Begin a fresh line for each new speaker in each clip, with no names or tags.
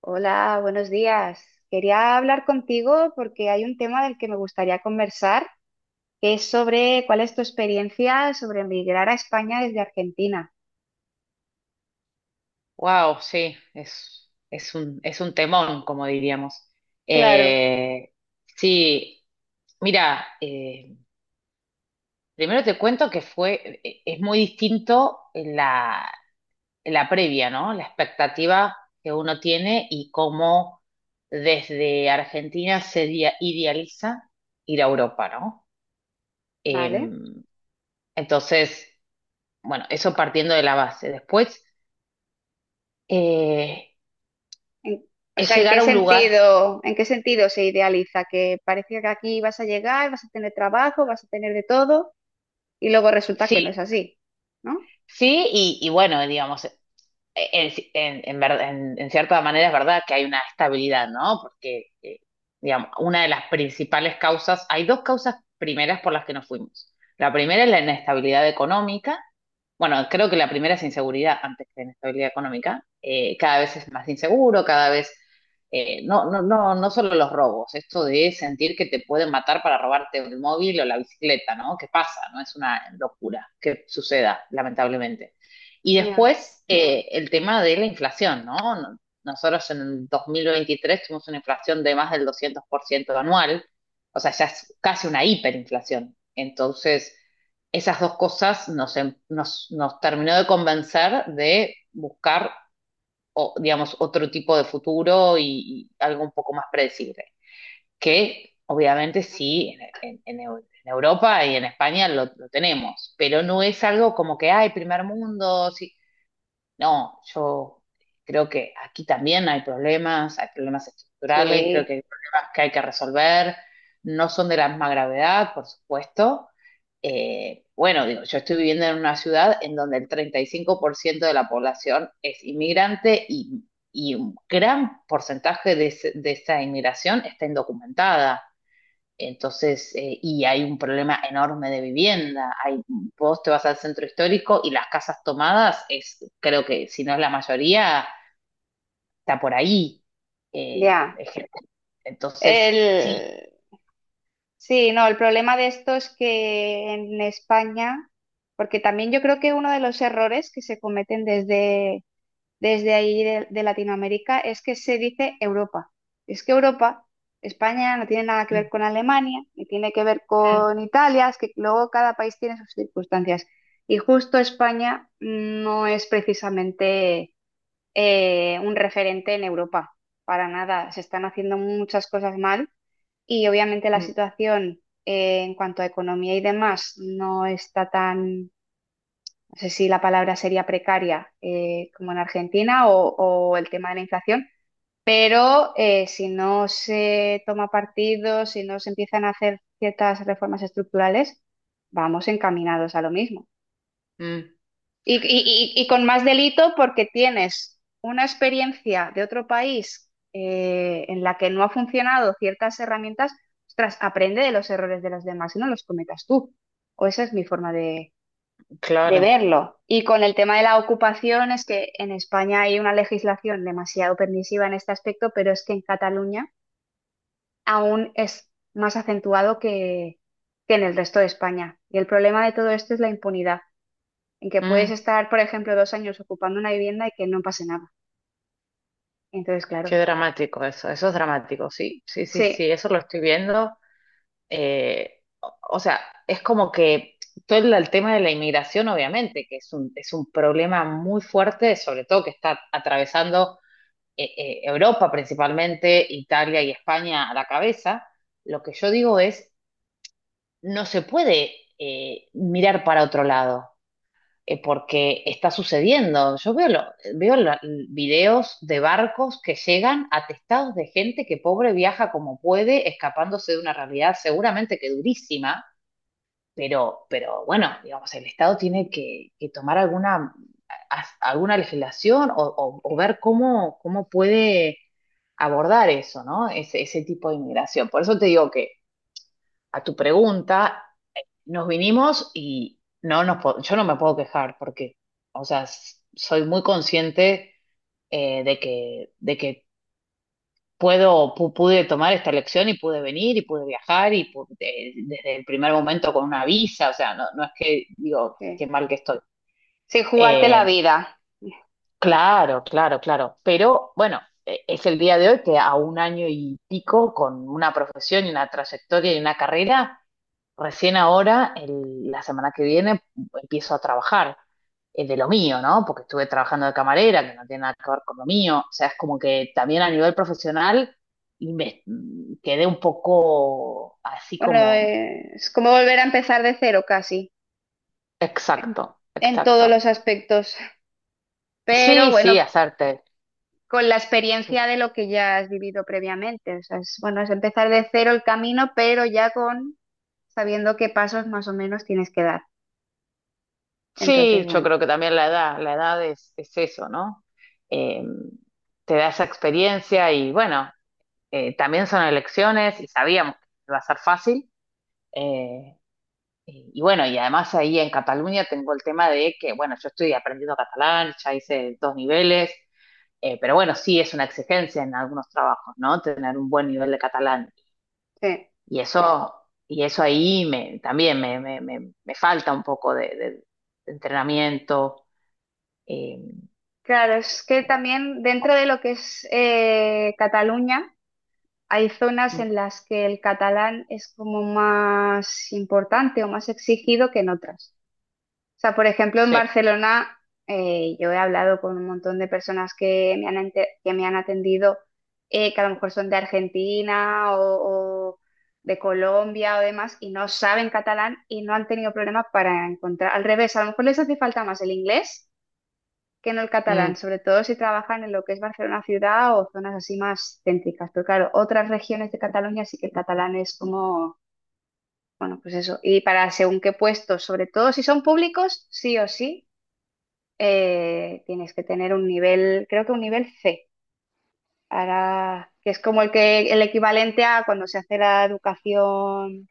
Hola, buenos días. Quería hablar contigo porque hay un tema del que me gustaría conversar, que es sobre cuál es tu experiencia sobre emigrar a España desde Argentina.
Wow, sí, es un temón, como diríamos.
Claro.
Eh, sí, mira, primero te cuento que es muy distinto la previa, ¿no? La expectativa que uno tiene y cómo desde Argentina se idealiza ir a Europa, ¿no?
¿Vale?
Em, entonces, bueno, eso partiendo de la base. Después, eh,
En- o
es
sea,
llegar a un lugar.
en qué sentido se idealiza? Que parece que aquí vas a llegar, vas a tener trabajo, vas a tener de todo, y luego resulta
Sí.
que no es así, ¿no?
Sí, y bueno, digamos, en cierta manera es verdad que hay una estabilidad, ¿no? Porque, digamos, una de las principales causas, hay dos causas primeras por las que nos fuimos. La primera es la inestabilidad económica. Bueno, creo que la primera es inseguridad antes que inestabilidad económica. Cada vez es más inseguro, cada vez no solo los robos, esto de sentir que te pueden matar para robarte el móvil o la bicicleta, ¿no? ¿Qué pasa? No es una locura que suceda, lamentablemente. Y
Ya.
después el tema de la inflación, ¿no? Nosotros en el 2023 tuvimos una inflación de más del 200% anual, o sea, ya es casi una hiperinflación. Entonces, esas dos cosas nos terminó de convencer de buscar, o, digamos, otro tipo de futuro y algo un poco más predecible, que obviamente sí, en Europa y en España lo tenemos, pero no es algo como que, ay primer mundo, sí. No, yo creo que aquí también hay problemas estructurales, creo que
Sí,
hay problemas que hay que resolver, no son de la misma gravedad, por supuesto. Bueno, digo, yo estoy viviendo en una ciudad en donde el 35% de la población es inmigrante y un gran porcentaje de esa inmigración está indocumentada. Entonces, y hay un problema enorme de vivienda. Hay, vos te vas al centro histórico y las casas tomadas es, creo que si no es la mayoría, está por ahí.
ya.
Es gente. Entonces, sí.
El Sí, no, el problema de esto es que en España, porque también yo creo que uno de los errores que se cometen desde ahí de Latinoamérica es que se dice Europa. Es que Europa, España no tiene nada que
Mm,
ver con Alemania, ni tiene que ver con Italia, es que luego cada país tiene sus circunstancias. Y justo España no es precisamente un referente en Europa, para nada. Se están haciendo muchas cosas mal y obviamente la
mm,
situación en cuanto a economía y demás no está tan, no sé si la palabra sería precaria como en Argentina, o el tema de la inflación, pero si no se toma partido, si no se empiezan a hacer ciertas reformas estructurales, vamos encaminados a lo mismo.
mm,
Y con más delito porque tienes una experiencia de otro país en la que no ha funcionado ciertas herramientas. Ostras, aprende de los errores de los demás y no los cometas tú. O esa es mi forma de
claro.
verlo. Y con el tema de la ocupación, es que en España hay una legislación demasiado permisiva en este aspecto, pero es que en Cataluña aún es más acentuado que en el resto de España. Y el problema de todo esto es la impunidad en que puedes
Mm,
estar, por ejemplo, dos años ocupando una vivienda y que no pase nada. Entonces,
qué
claro,
dramático eso. Eso es dramático, sí, sí, sí, sí.
sí,
Eso lo estoy viendo. O sea, es como que todo el tema de la inmigración, obviamente, que es un problema muy fuerte, sobre todo que está atravesando Europa principalmente, Italia y España a la cabeza. Lo que yo digo es, no se puede mirar para otro lado, porque está sucediendo. Veo la- videos de barcos que llegan atestados de gente que pobre viaja como puede, escapándose de una realidad seguramente que durísima, pero bueno, digamos, el Estado tiene que tomar alguna, alguna legislación o ver cómo, cómo puede abordar eso, ¿no? Ese tipo de inmigración. Por eso te digo que a tu pregunta, nos vinimos y yo no me puedo quejar porque, o sea, soy muy consciente de de que pude tomar esta elección y pude venir y pude viajar y desde el primer momento con una visa, o sea, no, no es que digo,
sí,
qué mal que estoy.
sin jugarte la
Eh,
vida.
claro, claro, claro, pero bueno, es el día de hoy que a un año y pico con una profesión y una trayectoria y una carrera. Recién ahora, la semana que viene, empiezo a trabajar de lo mío, ¿no? Porque estuve trabajando de camarera, que no tiene nada que ver con lo mío. O sea, es como que también a nivel profesional y me quedé un poco así
Bueno,
como,
es como volver a empezar de cero casi, en,
exacto,
en todos
exacto.
los aspectos. Pero
Sí,
bueno,
sí, hacerte.
con la
Sí.
experiencia de lo que ya has vivido previamente. O sea, es, bueno, es empezar de cero el camino, pero ya con sabiendo qué pasos más o menos tienes que dar. Entonces,
Sí, yo
bueno,
creo que también la edad es eso, ¿no? Eh, te da esa experiencia y bueno, también son elecciones y sabíamos que iba a ser fácil. Eh, Y bueno, y además ahí en Cataluña tengo el tema de que, bueno, yo estoy aprendiendo catalán, ya hice 2 niveles, pero bueno, sí es una exigencia en algunos trabajos, ¿no? Tener un buen nivel de catalán.
sí.
Y eso, y eso ahí me, también me, me falta un poco de entrenamiento. Eh,
Claro, es que también dentro de lo que es Cataluña, hay zonas
mm,
en las que el catalán es como más importante o más exigido que en otras. O sea, por ejemplo, en
sí,
Barcelona yo he hablado con un montón de personas que me han, que me han atendido, que a lo mejor son de Argentina, o de Colombia o demás, y no saben catalán y no han tenido problemas para encontrar. Al revés, a lo mejor les hace falta más el inglés que no el
mm,
catalán, sobre todo si trabajan en lo que es Barcelona ciudad o zonas así más céntricas. Pero claro, otras regiones de Cataluña sí que el catalán es como, bueno, pues eso. Y para según qué puestos, sobre todo si son públicos, sí o sí, tienes que tener un nivel, creo que un nivel C. Ahora, que es como el que el equivalente a cuando se hace la educación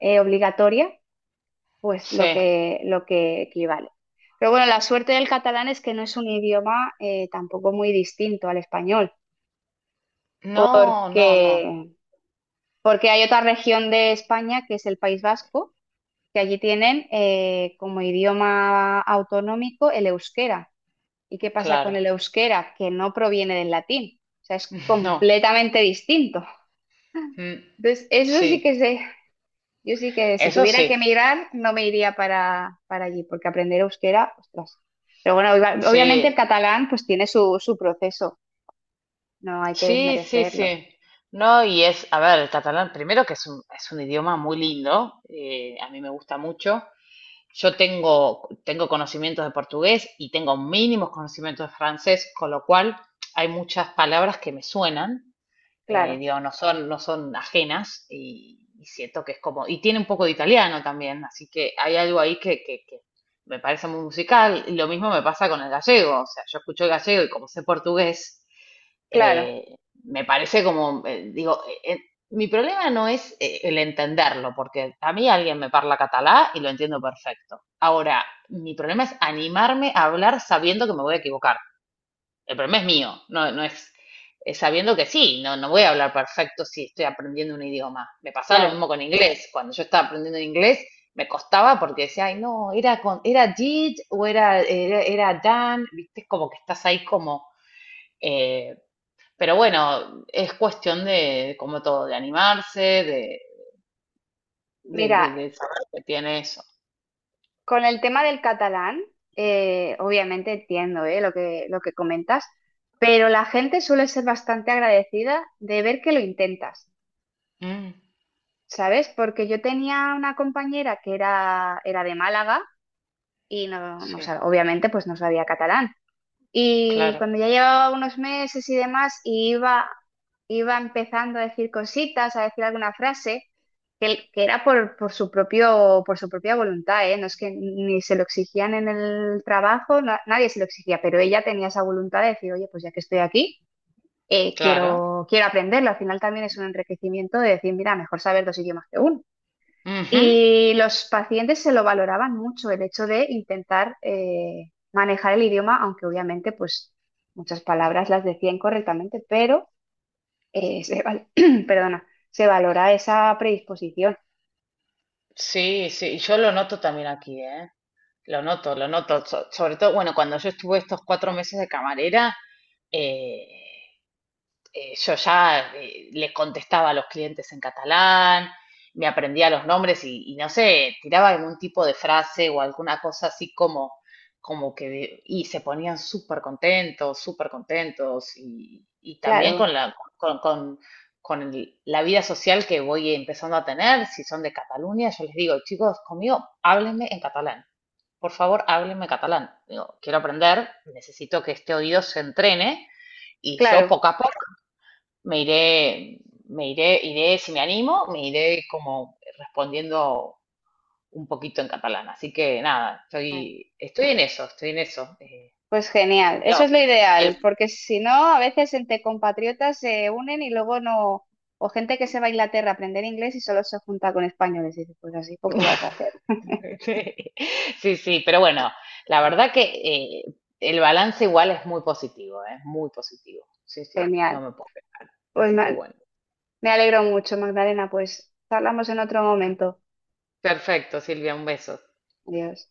obligatoria, pues
sí.
lo que equivale. Pero bueno, la suerte del catalán es que no es un idioma tampoco muy distinto al español.
No, no, no,
Que porque hay otra región de España que es el País Vasco, que allí tienen como idioma autonómico el euskera. ¿Y qué pasa con
claro,
el euskera? Que no proviene del latín, o sea, es
no,
completamente distinto.
mm,
Entonces, eso sí que
sí,
sé, yo sí que si
eso
tuviera que
sí,
emigrar, no me iría para allí, porque aprender euskera, ostras. Pero bueno, obviamente el
sí.
catalán pues tiene su proceso, no hay que
Sí, sí,
desmerecerlo.
sí. No, y es, a ver, el catalán primero que es un idioma muy lindo, a mí me gusta mucho. Yo tengo, tengo conocimientos de portugués y tengo mínimos conocimientos de francés, con lo cual hay muchas palabras que me suenan,
Claro,
digo, no son, no son ajenas y siento que es como, y tiene un poco de italiano también, así que hay algo ahí que me parece muy musical, y lo mismo me pasa con el gallego, o sea, yo escucho el gallego y como sé portugués,
claro,
eh, me parece como, digo, mi problema no es el entenderlo, porque a mí alguien me parla catalá y lo entiendo perfecto. Ahora, mi problema es animarme a hablar sabiendo que me voy a equivocar. El problema es mío, no, no es, sabiendo que sí, no, no voy a hablar perfecto si estoy aprendiendo un idioma. Me pasaba lo
claro.
mismo con inglés. Cuando yo estaba aprendiendo inglés, me costaba porque decía, ay, no, era, con, era did o era, era, era done, viste, como que estás ahí como... eh, pero bueno, es cuestión de como todo, de animarse, de,
Mira,
de saber que tiene eso.
con el tema del catalán, obviamente entiendo, lo que comentas, pero la gente suele ser bastante agradecida de ver que lo intentas,
Mm,
¿sabes? Porque yo tenía una compañera que era de Málaga y
sí,
obviamente pues no sabía catalán. Y
claro,
cuando ya llevaba unos meses y demás, iba empezando a decir cositas, a decir alguna frase, que era por su propio, por su propia voluntad, ¿eh? No es que ni se lo exigían en el trabajo, nadie se lo exigía, pero ella tenía esa voluntad de decir, oye, pues ya que estoy aquí,
claro.
quiero aprenderlo. Al final también es un enriquecimiento de decir, mira, mejor saber dos idiomas que uno.
Ujú.
Y los pacientes se lo valoraban mucho, el hecho de intentar manejar el idioma, aunque obviamente pues muchas palabras las decían correctamente, pero eh, se, val- perdona, se valora esa predisposición.
Sí, sí, yo lo noto también aquí, ¿eh? Lo noto, lo noto. Sobre todo, bueno, cuando yo estuve estos 4 meses de camarera, eh, yo ya les contestaba a los clientes en catalán, me aprendía los nombres y no sé, tiraba algún tipo de frase o alguna cosa así como, como que, y se ponían súper contentos y también
Claro,
con la, con la vida social que voy empezando a tener, si son de Cataluña, yo les digo, chicos, conmigo, háblenme en catalán por favor, háblenme catalán. Digo, quiero aprender, necesito que este oído se entrene y yo
claro.
poco a poco me iré, me iré, iré, si me animo, me iré como respondiendo un poquito en catalán. Así que nada,
Ah,
estoy, estoy en eso, estoy en eso.
pues genial,
Digo,
eso es lo ideal,
el-
porque si no, a veces entre compatriotas se unen y luego no, o gente que se va a Inglaterra a aprender inglés y solo se junta con españoles, y dices, pues así poco vas a hacer.
sí, sí, pero bueno, la verdad que eh, el balance igual es muy positivo, es muy positivo. Sí, sí, no
Genial.
me puedo quejar.
Pues
Así que
nada.
bueno.
Me alegro mucho, Magdalena. Pues hablamos en otro momento.
Perfecto, Silvia, un beso.
Adiós.